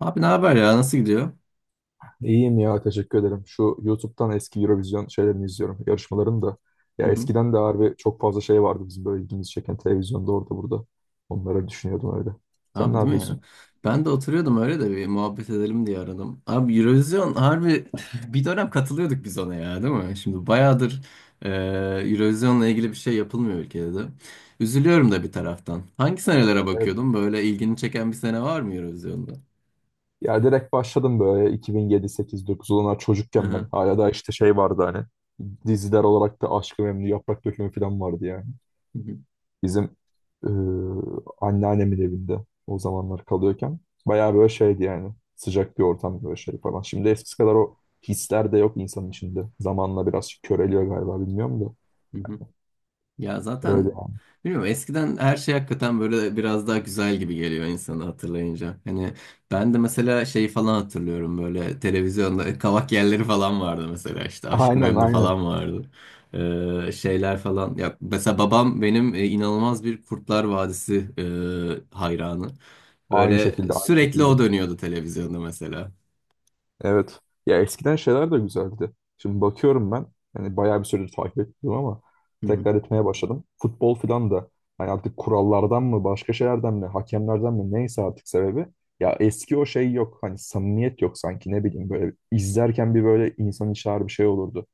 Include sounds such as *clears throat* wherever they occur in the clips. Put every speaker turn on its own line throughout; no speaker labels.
Abi ne haber ya? Nasıl gidiyor?
İyiyim ya teşekkür ederim. Şu YouTube'dan eski Eurovision şeylerini izliyorum, yarışmalarını da.
Hı
Ya
hı.
eskiden de harbi çok fazla şey vardı bizim böyle ilgimizi çeken televizyonda orada burada. Onları düşünüyordum öyle. Sen ne
Abi değil mi ya?
yapıyorsun?
Ben de oturuyordum öyle de bir muhabbet edelim diye aradım. Abi Eurovision harbi *laughs* bir dönem katılıyorduk biz ona ya değil mi? Şimdi bayağıdır e, Eurovision'la ilgili bir şey yapılmıyor ülkede de. Üzülüyorum da bir taraftan. Hangi senelere
Evet.
bakıyordum? Böyle ilgini çeken bir sene var mı Eurovision'da?
Ya direkt başladım böyle 2007, 8, 9 olanlar
Hı
çocukken ben.
hı.
Hala da işte şey vardı hani. Diziler olarak da Aşk-ı Memnu, Yaprak Dökümü falan vardı yani.
Hı
Bizim e, anneannemin evinde o zamanlar kalıyorken bayağı böyle şeydi yani sıcak bir ortam böyle şey falan. Şimdi eskisi kadar o hisler de yok insanın içinde. Zamanla biraz köreliyor galiba bilmiyorum da.
hı. Ya
Öyle.
zaten bilmiyorum, eskiden her şey hakikaten böyle biraz daha güzel gibi geliyor insanı hatırlayınca. Hani ben de mesela şeyi falan hatırlıyorum böyle televizyonda *laughs* kavak yerleri falan vardı, mesela işte Aşk-ı
Aynen
Memnu
aynen.
falan vardı. Şeyler falan. Ya mesela babam benim inanılmaz bir Kurtlar Vadisi hayranı.
Aynı
Böyle
şekilde aynı
sürekli
şekilde.
o dönüyordu televizyonda mesela.
Evet. Ya eskiden şeyler de güzeldi. Şimdi bakıyorum ben. Yani bayağı bir süredir takip ettim ama tekrar etmeye başladım. Futbol filan da hani artık kurallardan mı başka şeylerden mi hakemlerden mi neyse artık sebebi. Ya eski o şey yok. Hani samimiyet yok sanki ne bileyim böyle izlerken bir böyle insan içer bir şey olurdu.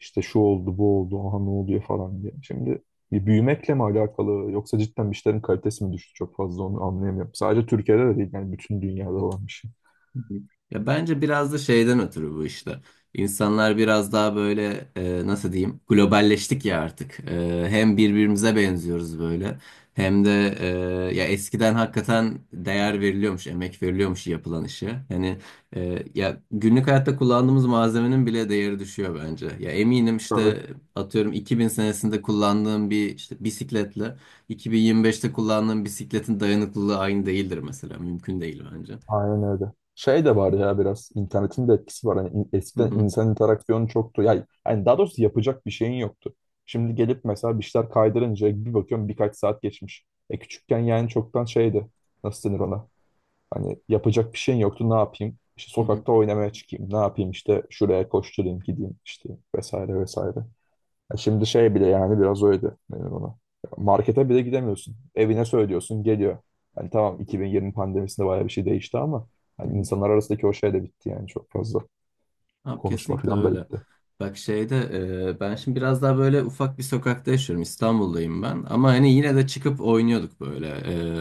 İşte şu oldu bu oldu aha ne oluyor falan diye. Şimdi bir büyümekle mi alakalı yoksa cidden bir şeylerin kalitesi mi düştü çok fazla onu anlayamıyorum. Sadece Türkiye'de de değil yani bütün dünyada olan bir şey.
Hı hı. Ya bence biraz da şeyden ötürü bu işte. İnsanlar biraz daha böyle nasıl diyeyim, globalleştik ya artık. Hem birbirimize benziyoruz böyle, hem de e, ya eskiden hakikaten değer veriliyormuş, emek veriliyormuş yapılan işe. Hani ya günlük hayatta kullandığımız malzemenin bile değeri düşüyor bence. Ya eminim
Tabii.
işte atıyorum 2000 senesinde kullandığım bir işte bisikletle 2025'te kullandığım bisikletin dayanıklılığı aynı değildir mesela. Mümkün değil bence.
Aynen öyle. Şey de var ya biraz internetin de etkisi var. Hani
Hı
eskiden
hı.
insan interaksiyonu çoktu. Yani, daha doğrusu yapacak bir şeyin yoktu. Şimdi gelip mesela bir şeyler kaydırınca bir bakıyorum birkaç saat geçmiş. E küçükken yani çoktan şeydi. Nasıl denir ona? Hani yapacak bir şeyin yoktu, ne yapayım? İşte
Hı hı,
sokakta oynamaya çıkayım. Ne yapayım işte şuraya koşturayım gideyim işte vesaire vesaire. Ya şimdi şey bile yani biraz öyle benim ona. Markete bile gidemiyorsun. Evine söylüyorsun geliyor. Hani tamam, 2020 pandemisinde bayağı bir şey değişti ama
hı
hani
hı.
insanlar arasındaki o şey de bitti yani çok fazla.
Abi
Konuşma
kesinlikle
falan da
öyle.
bitti.
Bak şeyde ben şimdi biraz daha böyle ufak bir sokakta yaşıyorum. İstanbul'dayım ben. Ama hani yine de çıkıp oynuyorduk böyle,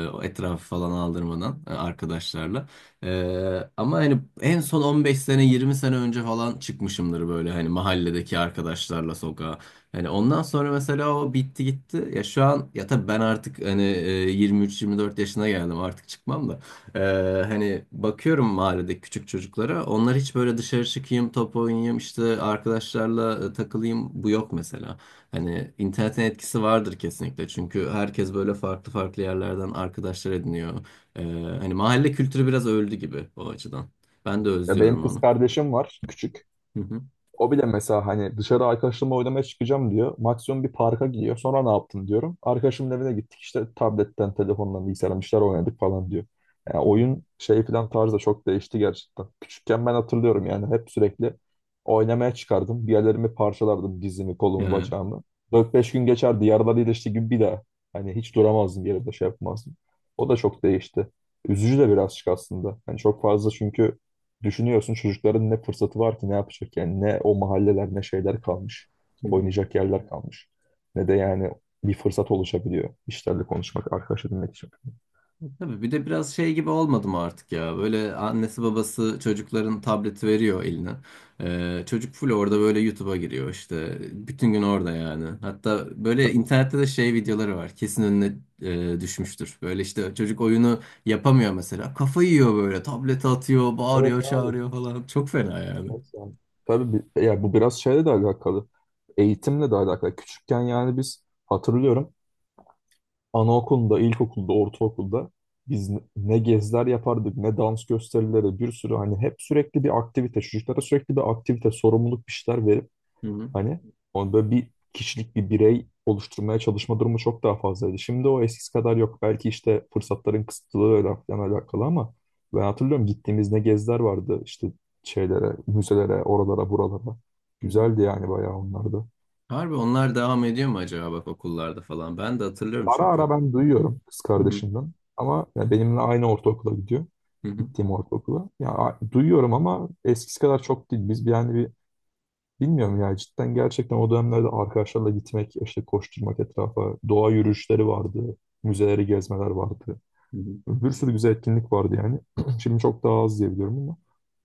o etrafı falan aldırmadan, arkadaşlarla. Ama hani en son 15 sene 20 sene önce falan çıkmışımdır böyle hani mahalledeki arkadaşlarla sokağa. Hani ondan sonra mesela o bitti gitti. Ya şu an ya tabii ben artık hani 23-24 yaşına geldim, artık çıkmam da. Ee, hani bakıyorum mahallede küçük çocuklara. Onlar hiç böyle dışarı çıkayım, top oynayayım, işte arkadaşlarla takılayım, bu yok mesela. Hani internetin etkisi vardır kesinlikle. Çünkü herkes böyle farklı farklı yerlerden arkadaşlar ediniyor. Ee, hani mahalle kültürü biraz öldü gibi o açıdan. Ben de
Ya benim
özlüyorum
kız
onu.
kardeşim var küçük.
Hı hı.
O bile mesela hani dışarı arkadaşlarımla oynamaya çıkacağım diyor. Maksimum bir parka gidiyor. Sonra ne yaptın diyorum. Arkadaşımın evine gittik işte tabletten, telefondan, bilgisayardan bir şeyler oynadık falan diyor. Yani
Hı hı.
oyun şey falan tarzı da çok değişti gerçekten. Küçükken ben hatırlıyorum yani hep sürekli oynamaya çıkardım. Bir yerlerimi parçalardım dizimi, kolumu,
Ya.
bacağımı. Dört beş gün geçerdi. Yaralar iyileşti gibi bir daha. Hani hiç duramazdım bir yerde şey yapmazdım. O da çok değişti. Üzücü de birazcık aslında. Yani çok fazla çünkü düşünüyorsun çocukların ne fırsatı var ki, ne yapacak yani, ne o mahalleler ne şeyler kalmış.
Hı hı.
Oynayacak yerler kalmış. Ne de yani bir fırsat oluşabiliyor işlerle konuşmak, arkadaş edinmek için.
Tabii bir de biraz şey gibi olmadı mı artık ya? Böyle annesi babası çocukların tableti veriyor eline. Çocuk full orada böyle YouTube'a giriyor işte. Bütün gün orada yani. Hatta böyle
Tabii,
internette de şey videoları var. Kesin önüne düşmüştür. Böyle işte çocuk oyunu yapamıyor mesela. Kafayı yiyor böyle. Tablete atıyor, bağırıyor,
evet abi.
çağırıyor falan. Çok fena yani.
Evet yani. Tabii yani bu biraz şeyle de alakalı. Eğitimle de alakalı. Küçükken yani biz hatırlıyorum anaokulunda, ilkokulda, ortaokulda biz ne ne geziler yapardık, ne dans gösterileri, bir sürü hani hep sürekli bir aktivite, çocuklara sürekli bir aktivite, sorumluluk bir şeyler verip
Hı hı.
hani onu böyle bir kişilik bir birey oluşturmaya çalışma durumu çok daha fazlaydı. Şimdi o eskisi kadar yok. Belki işte fırsatların kısıtlılığıyla falan alakalı ama ben hatırlıyorum gittiğimiz ne geziler vardı işte şeylere, müzelere, oralara, buralara.
Hı hı.
Güzeldi yani bayağı onlar da.
Harbi onlar devam ediyor mu acaba bak okullarda falan? Ben de hatırlıyorum
Ara ara
çünkü.
ben duyuyorum kız
Hı hı.
kardeşimden ama ya benimle aynı ortaokula gidiyor.
Hı hı.
Gittiğim ortaokula. Ya duyuyorum ama eskisi kadar çok değil. Yani bir, bilmiyorum ya cidden gerçekten o dönemlerde arkadaşlarla gitmek, işte koşturmak etrafa, doğa yürüyüşleri vardı, müzeleri gezmeler vardı.
Hı hı.
Bir sürü güzel etkinlik vardı yani. *clears throat* Şimdi çok daha az diye biliyorum ama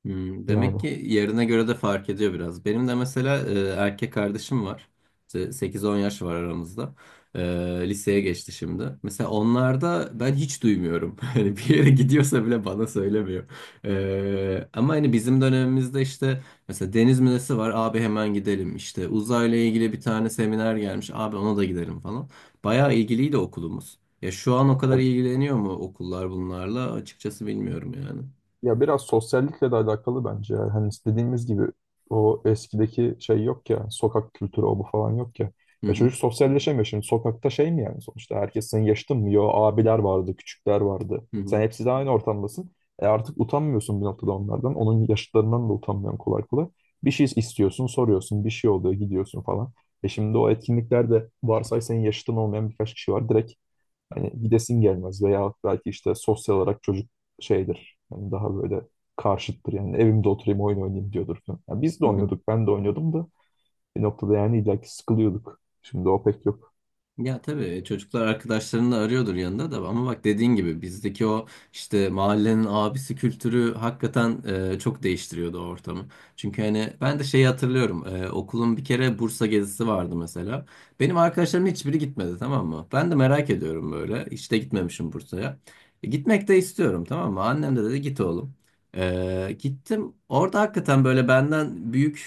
Hmm,
yani.
demek ki yerine göre de fark ediyor biraz. Benim de mesela erkek kardeşim var. İşte 8-10 yaş var aramızda. E, liseye geçti şimdi. Mesela onlarda ben hiç duymuyorum. *laughs* Hani bir yere gidiyorsa bile bana söylemiyor. Ama hani bizim dönemimizde işte mesela deniz müzesi var. Abi hemen gidelim. İşte uzayla ilgili 1 tane seminer gelmiş. Abi ona da gidelim falan. Bayağı ilgiliydi okulumuz. Ya şu an o kadar ilgileniyor mu okullar bunlarla? Açıkçası bilmiyorum yani.
Ya biraz sosyallikle de alakalı bence. Ya, hani dediğimiz gibi o eskideki şey yok ya. Sokak kültürü o bu falan yok ya.
Hı
Ya
hı,
çocuk sosyalleşemiyor şimdi. Sokakta şey mi yani sonuçta? Herkes senin yaşıtın mı? Yo, abiler vardı, küçükler vardı.
hı hı,
Sen hepsi de aynı ortamdasın. E artık utanmıyorsun bir noktada onlardan. Onun yaşıtlarından da utanmıyorsun kolay kolay. Bir şey istiyorsun, soruyorsun. Bir şey oluyor, gidiyorsun falan. E şimdi o etkinliklerde varsay senin yaşıtın olmayan birkaç kişi var. Direkt, hani gidesin gelmez veya belki işte sosyal olarak çocuk şeydir. Hani daha böyle karşıttır yani, evimde oturayım oyun oynayayım diyordur falan. Yani biz de
hı hı.
oynuyorduk, ben de oynuyordum da bir noktada yani illaki sıkılıyorduk. Şimdi o pek yok.
Ya tabii çocuklar arkadaşlarını arıyordur yanında da, ama bak dediğin gibi bizdeki o işte mahallenin abisi kültürü hakikaten çok değiştiriyordu o ortamı. Çünkü hani ben de şeyi hatırlıyorum, okulun bir kere Bursa gezisi vardı mesela. Benim arkadaşlarım hiçbiri gitmedi, tamam mı? Ben de merak ediyorum böyle, hiç de gitmemişim Bursa'ya. Gitmek de istiyorum, tamam mı? Annem de dedi git oğlum. Gittim orada, hakikaten böyle benden büyük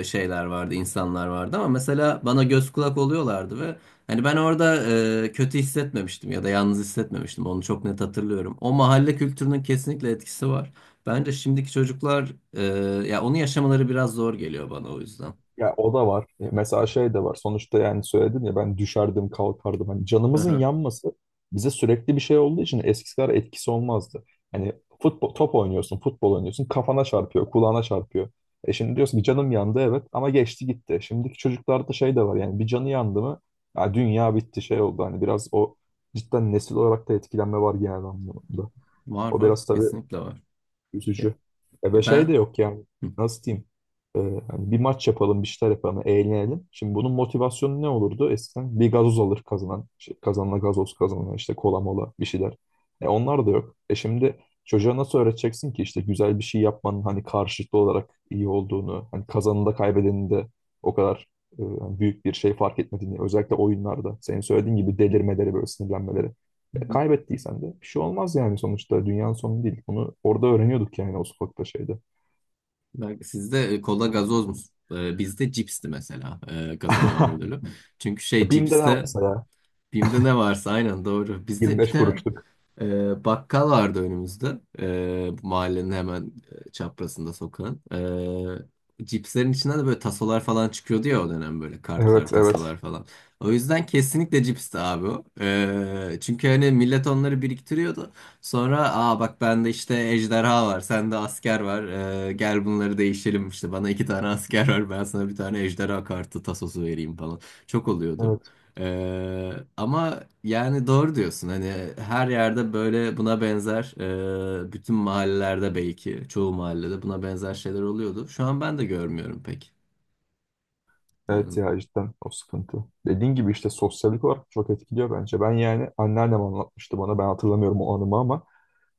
şeyler vardı, insanlar vardı ama mesela bana göz kulak oluyorlardı. Hani ben orada kötü hissetmemiştim ya da yalnız hissetmemiştim. Onu çok net hatırlıyorum. O mahalle kültürünün kesinlikle etkisi var. Bence şimdiki çocuklar ya onu yaşamaları biraz zor geliyor bana, o yüzden.
Ya o da var. Mesela şey de var. Sonuçta yani söyledim ya, ben düşerdim kalkardım. Hani canımızın
Aha.
yanması bize sürekli bir şey olduğu için eskisi kadar etkisi olmazdı. Hani futbol, top oynuyorsun, futbol oynuyorsun. Kafana çarpıyor, kulağına çarpıyor. E şimdi diyorsun ki canım yandı evet ama geçti gitti. Şimdiki çocuklarda şey de var yani, bir canı yandı mı ya dünya bitti şey oldu. Hani biraz o cidden nesil olarak da etkilenme var genel anlamda.
Var
O
var,
biraz tabii
kesinlikle var. Ya-
üzücü. E ve
ya
şey de
ben
yok yani.
Hı.
Nasıl diyeyim? E, hani bir maç yapalım, bir şeyler yapalım, eğlenelim. Şimdi bunun motivasyonu ne olurdu? Eskiden bir gazoz alır kazanan. Şey, kazanana gazoz, kazanan işte kola mola bir şeyler. E onlar da yok. E şimdi çocuğa nasıl öğreteceksin ki işte güzel bir şey yapmanın hani karşılıklı olarak iyi olduğunu, hani kazanında kaybedeninde o kadar hani büyük bir şey fark etmediğini, özellikle oyunlarda senin söylediğin gibi delirmeleri böyle sinirlenmeleri.
Hı.
Kaybettiysen de bir şey olmaz yani sonuçta dünyanın sonu değil. Bunu orada öğreniyorduk yani, o sokakta şeyde.
Belki sizde kola gazoz mu? Bizde cipsti mesela, kazanılan
*laughs*
ödülü. Çünkü şey
E, BİM'de ne
cipste.
varsa ya.
Bim'de ne varsa, aynen doğru. Bizde bir
25
tane
kuruşluk.
bakkal vardı önümüzde. Bu mahallenin hemen çaprazında sokağın. Cipslerin içinden de böyle tasolar falan çıkıyordu ya o dönem, böyle kartlar,
Evet, evet.
tasolar falan. O yüzden kesinlikle cipsti abi o. Çünkü hani millet onları biriktiriyordu. Sonra aa bak bende işte ejderha var, sende asker var. Gel bunları değişelim işte, bana 2 tane asker var, ben sana 1 tane ejderha kartı tasosu vereyim falan. Çok oluyordu.
Evet.
Ama yani doğru diyorsun hani her yerde böyle buna benzer bütün mahallelerde, belki çoğu mahallede buna benzer şeyler oluyordu. Şu an ben de görmüyorum pek.
Evet
Yani.
ya cidden o sıkıntı. Dediğin gibi işte sosyallik olarak çok etkiliyor bence. Ben yani anneannem anlatmıştı bana. Ben hatırlamıyorum o anımı ama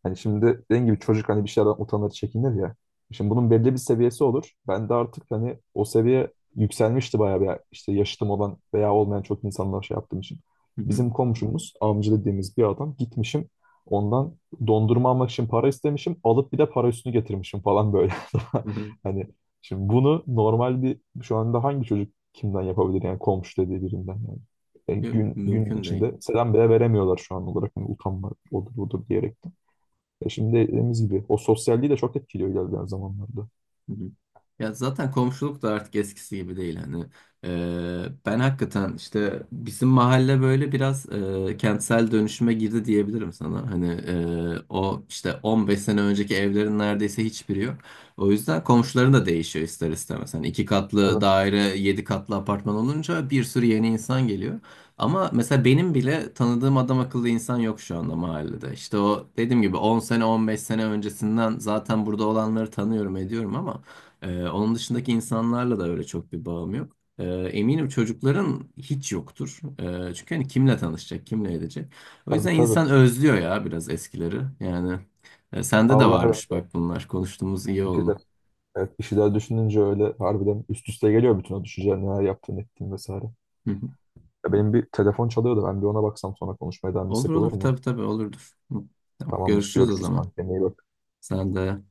hani şimdi dediğim gibi çocuk hani bir şeylerden utanır, çekinir ya. Şimdi bunun belli bir seviyesi olur. Ben de artık hani o seviye yükselmişti bayağı bir, işte yaşıtım olan veya olmayan çok insanlar şey yaptığım için.
Hı hı,
Bizim komşumuz, amca dediğimiz bir adam, gitmişim. Ondan dondurma almak için para istemişim. Alıp bir de para üstünü getirmişim falan böyle.
hı hı.
*laughs* Hani şimdi bunu normal bir, şu anda hangi çocuk kimden yapabilir yani, komşu dediği birinden yani.
Yok,
Gün gün
mümkün değil.
içinde selam bile veremiyorlar şu an olarak. Hani utanma odur budur diyerek. Ya şimdi dediğimiz gibi o sosyalliği de çok etkiliyor ilerleyen zamanlarda.
Ya zaten komşuluk da artık eskisi gibi değil hani. Ben hakikaten işte bizim mahalle böyle biraz kentsel dönüşüme girdi diyebilirim sana. Hani o işte 15 sene önceki evlerin neredeyse hiçbiri yok. O yüzden komşuların da değişiyor ister istemez. Hani 2 katlı
Evet,
daire, 7 katlı apartman olunca bir sürü yeni insan geliyor. Ama mesela benim bile tanıdığım adam akıllı insan yok şu anda mahallede. İşte o dediğim gibi 10 sene 15 sene öncesinden zaten burada olanları tanıyorum ediyorum ama onun dışındaki insanlarla da öyle çok bir bağım yok. Eminim çocukların hiç yoktur. Çünkü hani kimle tanışacak, kimle edecek. O
tabii
yüzden
tabii.
insan özlüyor ya biraz eskileri. Yani sende de
Allah
varmış
evet.
bak bunlar. Konuştuğumuz iyi
Bir şeyler,
oldu.
evet, bir şeyler düşününce öyle harbiden üst üste geliyor bütün o düşünceler, neler yaptığın, ettiğin vesaire.
Hı hı.
Ya benim bir telefon çalıyordu, ben bir ona baksam sonra konuşmaya devam
Olur
etsek olur
olur,
mu?
tabii tabii olurdur. Hı. Tamam,
Tamamdır,
görüşürüz o
görüşürüz
zaman.
kanka. İyi bak.
Sen de.